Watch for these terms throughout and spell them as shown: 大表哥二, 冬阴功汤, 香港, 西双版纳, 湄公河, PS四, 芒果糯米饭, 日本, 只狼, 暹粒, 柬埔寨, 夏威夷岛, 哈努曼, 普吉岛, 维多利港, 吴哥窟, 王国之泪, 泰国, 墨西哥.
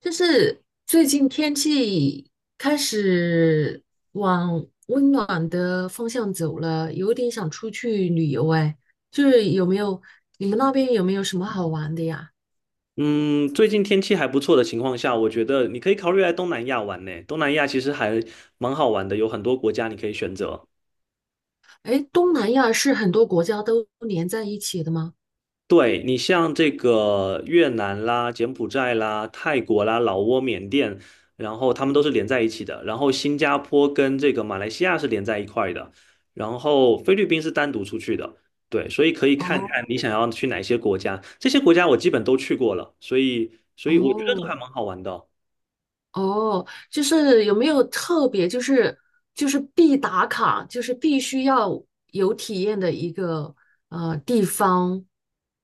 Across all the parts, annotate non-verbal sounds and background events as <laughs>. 就是最近天气开始往温暖的方向走了，有点想出去旅游哎。就是你们那边有没有什么好玩的呀？嗯，最近天气还不错的情况下，我觉得你可以考虑来东南亚玩呢。东南亚其实还蛮好玩的，有很多国家你可以选择。哎，东南亚是很多国家都连在一起的吗？对，你像这个越南啦、柬埔寨啦、泰国啦、老挝、缅甸，然后他们都是连在一起的。然后新加坡跟这个马来西亚是连在一块的，然后菲律宾是单独出去的。对，所以可以看看哦你想要去哪些国家。这些国家我基本都去过了，所以我觉得都哦还蛮好玩的哦。哦，就是有没有特别就是必打卡，就是必须要有体验的一个地方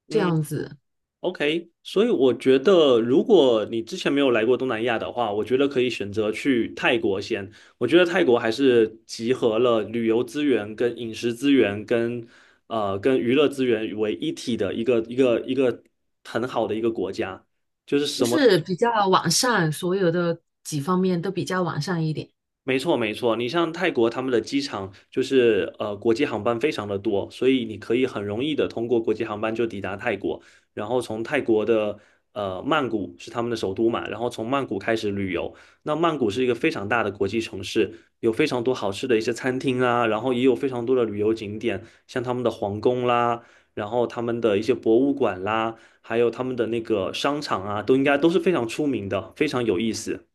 这嗯。样子？OK，所以我觉得，如果你之前没有来过东南亚的话，我觉得可以选择去泰国先。我觉得泰国还是集合了旅游资源、跟饮食资源、跟娱乐资源为一体的一个很好的一个国家，就是就什么是比较完善，所有的几方面都比较完善一点。没错，没错。你像泰国，他们的机场就是国际航班非常的多，所以你可以很容易的通过国际航班就抵达泰国，然后从泰国的曼谷是他们的首都嘛，然后从曼谷开始旅游。那曼谷是一个非常大的国际城市，有非常多好吃的一些餐厅啊，然后也有非常多的旅游景点，像他们的皇宫啦，然后他们的一些博物馆啦，还有他们的那个商场啊，都应该都是非常出名的，非常有意思。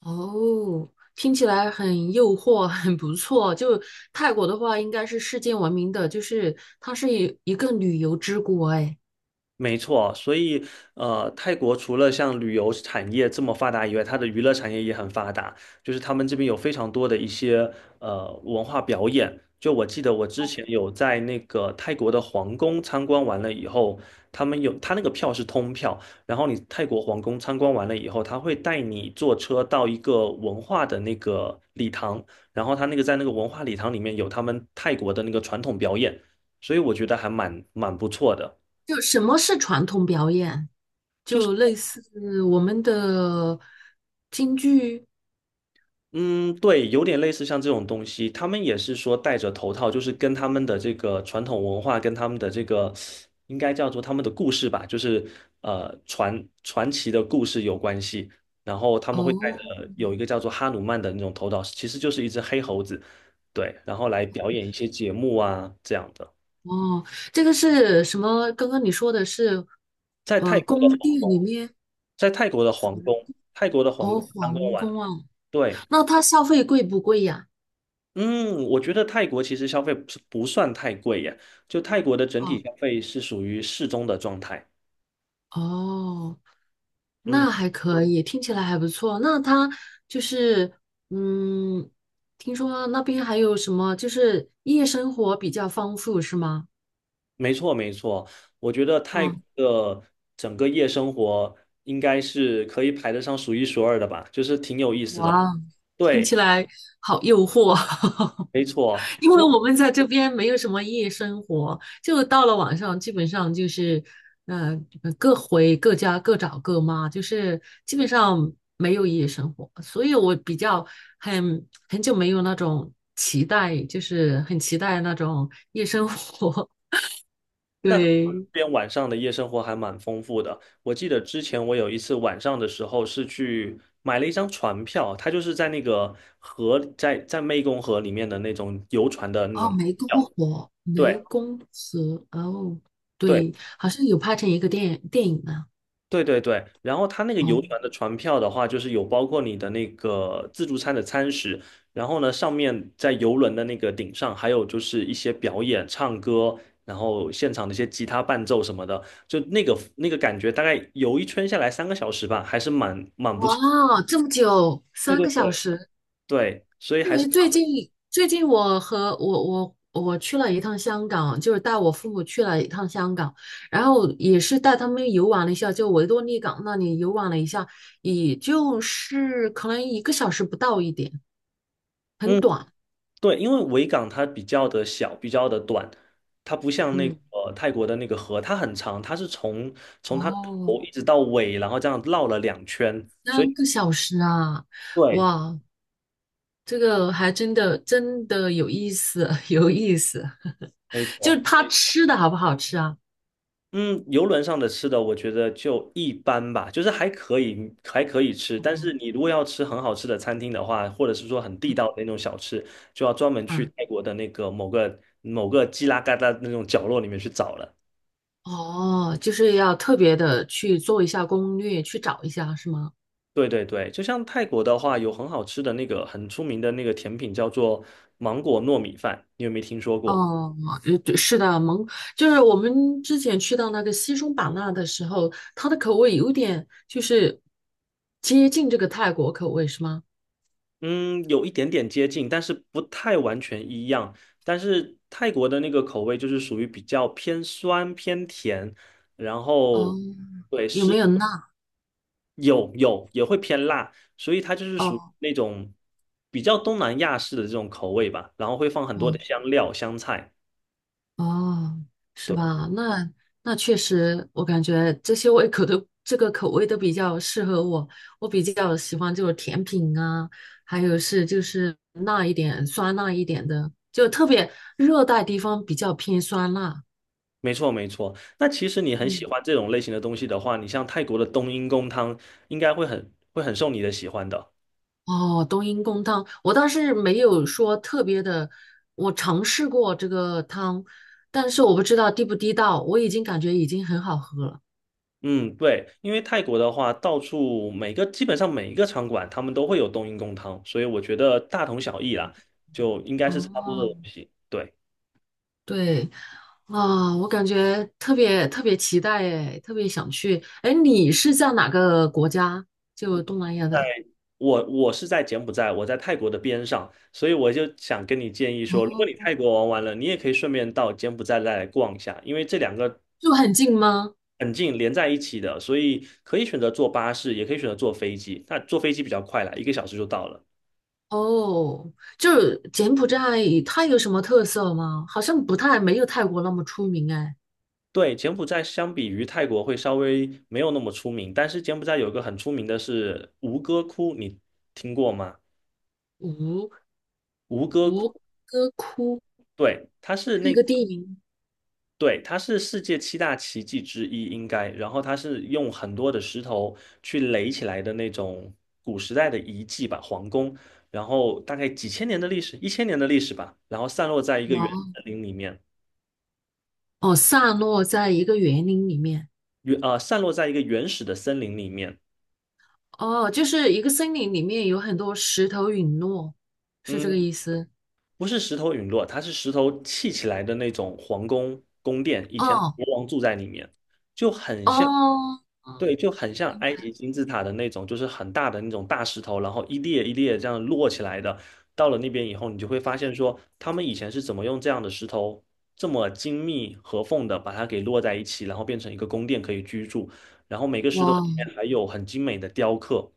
哦，听起来很诱惑，<laughs> 很不错。就泰国的话，应该是世界闻名的，就是它是一个旅游之国。哎，没错，所以泰国除了像旅游产业这么发达以外，它的娱乐产业也很发达。就是他们这边有非常多的一些文化表演。就我记得我之前有在那个泰国的皇宫参观完了以后，他们有他那个票是通票，然后你泰国皇宫参观完了以后，他会带你坐车到一个文化的那个礼堂，然后他那个在那个文化礼堂里面有他们泰国的那个传统表演，所以我觉得还蛮不错的。就什么是传统表演？就是。就类似我们的京剧。嗯，对，有点类似像这种东西，他们也是说戴着头套，就是跟他们的这个传统文化，跟他们的这个应该叫做他们的故事吧，就是呃传传奇的故事有关系。然后他们会戴着哦有一个叫做哈努曼的那种头套，其实就是一只黑猴子，对，然后来表演一些节目啊这样的。哦，这个是什么？刚刚你说的是，在泰国的宫殿皇，里面。在泰国的皇宫，泰国的皇哦，宫刚刚皇完，宫啊，对。那它消费贵不贵呀？嗯，我觉得泰国其实消费不是不算太贵耶，就泰国的整体哦。消费是属于适中的状态。哦，嗯，那还可以，听起来还不错。那他就是，嗯，听说那边还有什么，就是夜生活比较丰富，是吗？没错没错，我觉得泰国嗯，的整个夜生活应该是可以排得上数一数二的吧，就是挺有意思的。哇，听起对，来好诱惑。<laughs> 没错。因为我们在这边没有什么夜生活，就到了晚上，基本上就是，呃，各回各家，各找各妈，就是基本上没有夜生活，所以我比较很久没有那种期待，就是很期待那种夜生活。<laughs> 那这对，边晚上的夜生活还蛮丰富的。我记得之前我有一次晚上的时候是去买了一张船票，它就是在那个河，在湄公河里面的那种游船的那哦，种。湄公票。河，对湄公河，哦，对对，好像有拍成一个电影呢。对对对，然后它那个哦，游船的船票的话，就是有包括你的那个自助餐的餐食，然后呢，上面在游轮的那个顶上，还有就是一些表演、唱歌，然后现场的一些吉他伴奏什么的，就那个感觉，大概游一圈下来3个小时吧，还是蛮不错。哇，这么久，对三对个小对时。对，所以因还是为最近我和我我我去了一趟香港，就是带我父母去了一趟香港，然后也是带他们游玩了一下，就维多利港那里游玩了一下，也就是可能1个小时不到一点，很嗯。短。对，因为维港它比较的小，比较的短，它不像那个嗯，泰国的那个河，它很长，它是从它的哦，头一直到尾，然后这样绕了2圈，所三以个小时啊，对，哇，这个还真的真的有意思，<laughs> 有意思。没就是错。他吃的好不好吃啊？嗯，游轮上的吃的我觉得就一般吧，就是还可以，还可以吃。哦，但是你如果要吃很好吃的餐厅的话，或者是说很地道的那种小吃，就要专门去啊。泰国的那个某个犄拉旮旯那种角落里面去找了。哦，就是要特别的去做一下攻略，去找一下，是吗？对对对，就像泰国的话，有很好吃的那个很出名的那个甜品叫做芒果糯米饭，你有没有听说过？哦，对是的，就是我们之前去到那个西双版纳的时候，它的口味有点就是接近这个泰国口味，是吗？嗯，有一点点接近，但是不太完全一样。但是泰国的那个口味就是属于比较偏酸偏甜，然哦，后有没有辣？也会偏辣，所以它就是属于哦，那种比较东南亚式的这种口味吧，然后会放很多的香料香菜。哦，是对。吧？那确实，我感觉这些胃口都这个口味都比较适合我。我比较喜欢就是甜品啊，还有是就是辣一点、酸辣一点的，就特别热带地方比较偏酸辣。没错，没错。那其实你很喜嗯欢这种类型的东西的话，你像泰国的冬阴功汤，应该会很受你的喜欢的。哦，冬阴功汤，我倒是没有说特别的，我尝试过这个汤，但是我不知道地不地道，我已经感觉已经很好喝了。嗯，对，因为泰国的话，到处每个基本上每一个餐馆，他们都会有冬阴功汤，所以我觉得大同小异啦，就应该是差不多的东哦，西。对。对，啊，我感觉特别特别期待哎，特别想去。哎，你是在哪个国家？就东南亚的？我是在柬埔寨，我在泰国的边上，所以我就想跟你建议说，如果你哦，泰国玩完了，你也可以顺便到柬埔寨再来逛一下，因为这两个就很近吗？很近，连在一起的，所以可以选择坐巴士，也可以选择坐飞机。那坐飞机比较快啦，1个小时就到了。哦，就是柬埔寨，它有什么特色吗？好像不太，没有泰国那么出名哎。对，柬埔寨相比于泰国会稍微没有那么出名，但是柬埔寨有一个很出名的是吴哥窟，你听过吗？吴吴哥窟，吴哥窟对，它是是那一个地名，对，它是世界七大奇迹之一，应该。然后它是用很多的石头去垒起来的那种古时代的遗迹吧，皇宫。然后大概几千年的历史，1000年的历史吧。然后散落在一个原哇，森林里面，哦，散落在一个园林里面，散落在一个原始的森林里面。哦，就是一个森林里面有很多石头陨落，是这个嗯。意思？不是石头陨落，它是石头砌起来的那种皇宫宫殿，以前哦国王住在里面，就很像，哦，对，就很像埃及金字塔的那种，就是很大的那种大石头，然后一列一列这样摞起来的。到了那边以后，你就会发现说，他们以前是怎么用这样的石头这么精密合缝的把它给摞在一起，然后变成一个宫殿可以居住，然后每个石头里哇。面还有很精美的雕刻，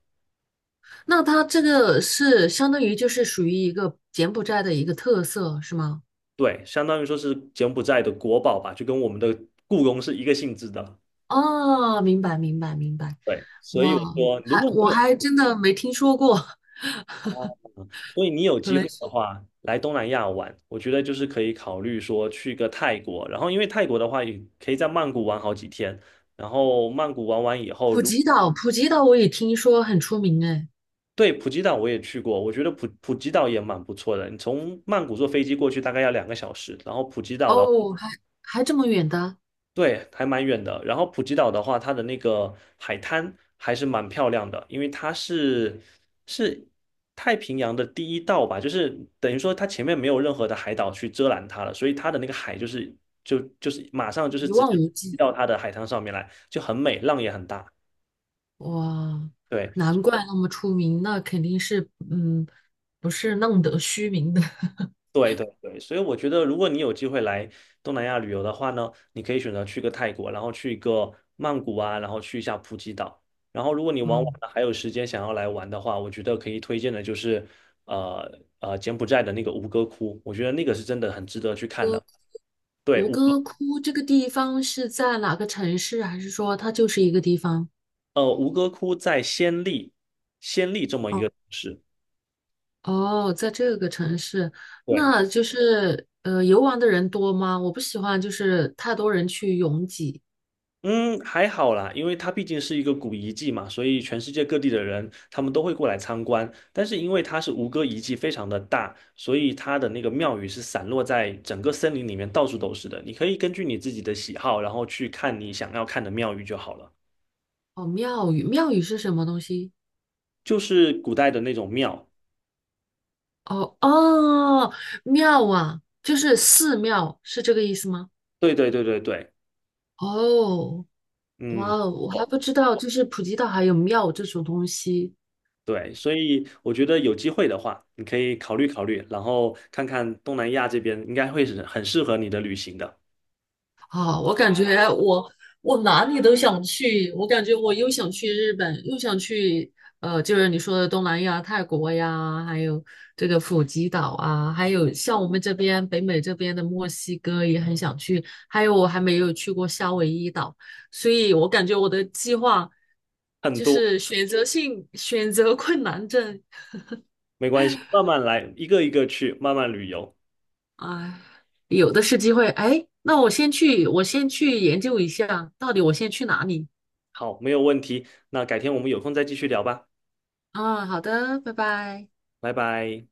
那它这个是相当于就是属于一个柬埔寨的一个特色，是吗？对，相当于说是柬埔寨的国宝吧，就跟我们的故宫是一个性质的。哦，明白明白明白，对，所以哇，我说，如果我你有，还真的没听说过，所以你有 <laughs> 可机能会的是话，来东南亚玩，我觉得就是可以考虑说去个泰国，然后因为泰国的话，也可以在曼谷玩好几天，然后曼谷玩完以后，普如果吉岛，普吉岛我也听说很出名哎，对普吉岛我也去过，我觉得普吉岛也蛮不错的，你从曼谷坐飞机过去大概要2个小时，然后普吉岛的哦，还这么远的，对，还蛮远的。然后普吉岛的话，它的那个海滩还是蛮漂亮的，因为它是太平洋的第一道吧，就是等于说它前面没有任何的海岛去遮拦它了，所以它的那个海就是马上就是一直接望无滴际，到它的海滩上面来，就很美，浪也很大。哇，对。难怪那么出名，那肯定是嗯，不是浪得虚名的，<laughs> 对对对，所以我觉得，如果你有机会来东南亚旅游的话呢，你可以选择去个泰国，然后去一个曼谷啊，然后去一下普吉岛。然后，如果你玩完嗯，了还有时间想要来玩的话，我觉得可以推荐的就是，柬埔寨的那个吴哥窟，我觉得那个是真的很值得去看哥，的。对，吴吴哥窟这个地方是在哪个城市，还是说它就是一个地方？呃吴哥窟在暹粒，暹粒这么一哦。个城市。哦，在这个城市，对。那就是游玩的人多吗？我不喜欢就是太多人去拥挤。嗯，还好啦，因为它毕竟是一个古遗迹嘛，所以全世界各地的人他们都会过来参观。但是因为它是吴哥遗迹非常的大，所以它的那个庙宇是散落在整个森林里面，到处都是的。你可以根据你自己的喜好，然后去看你想要看的庙宇就好了。哦，庙宇，庙宇是什么东西？就是古代的那种庙。哦哦，庙啊，就是寺庙，是这个意思吗？对对对对对，哦，哇嗯，哦，我还不不知道，就是普吉岛还有庙这种东西。对，所以我觉得有机会的话，你可以考虑考虑，然后看看东南亚这边应该会是很适合你的旅行的。啊，我感觉我哪里都想去，我感觉我又想去日本，又想去就是你说的东南亚、泰国呀，还有这个普吉岛啊，还有像我们这边北美这边的墨西哥也很想去，还有我还没有去过夏威夷岛，所以我感觉我的计划很就多。是选择性选择困难症，没关系，慢慢来，一个一个去，慢慢旅游。哎，有的是机会，哎，那我先去，我先去研究一下，到底我先去哪里。好，没有问题。那改天我们有空再继续聊吧，啊，好的，拜拜。拜拜。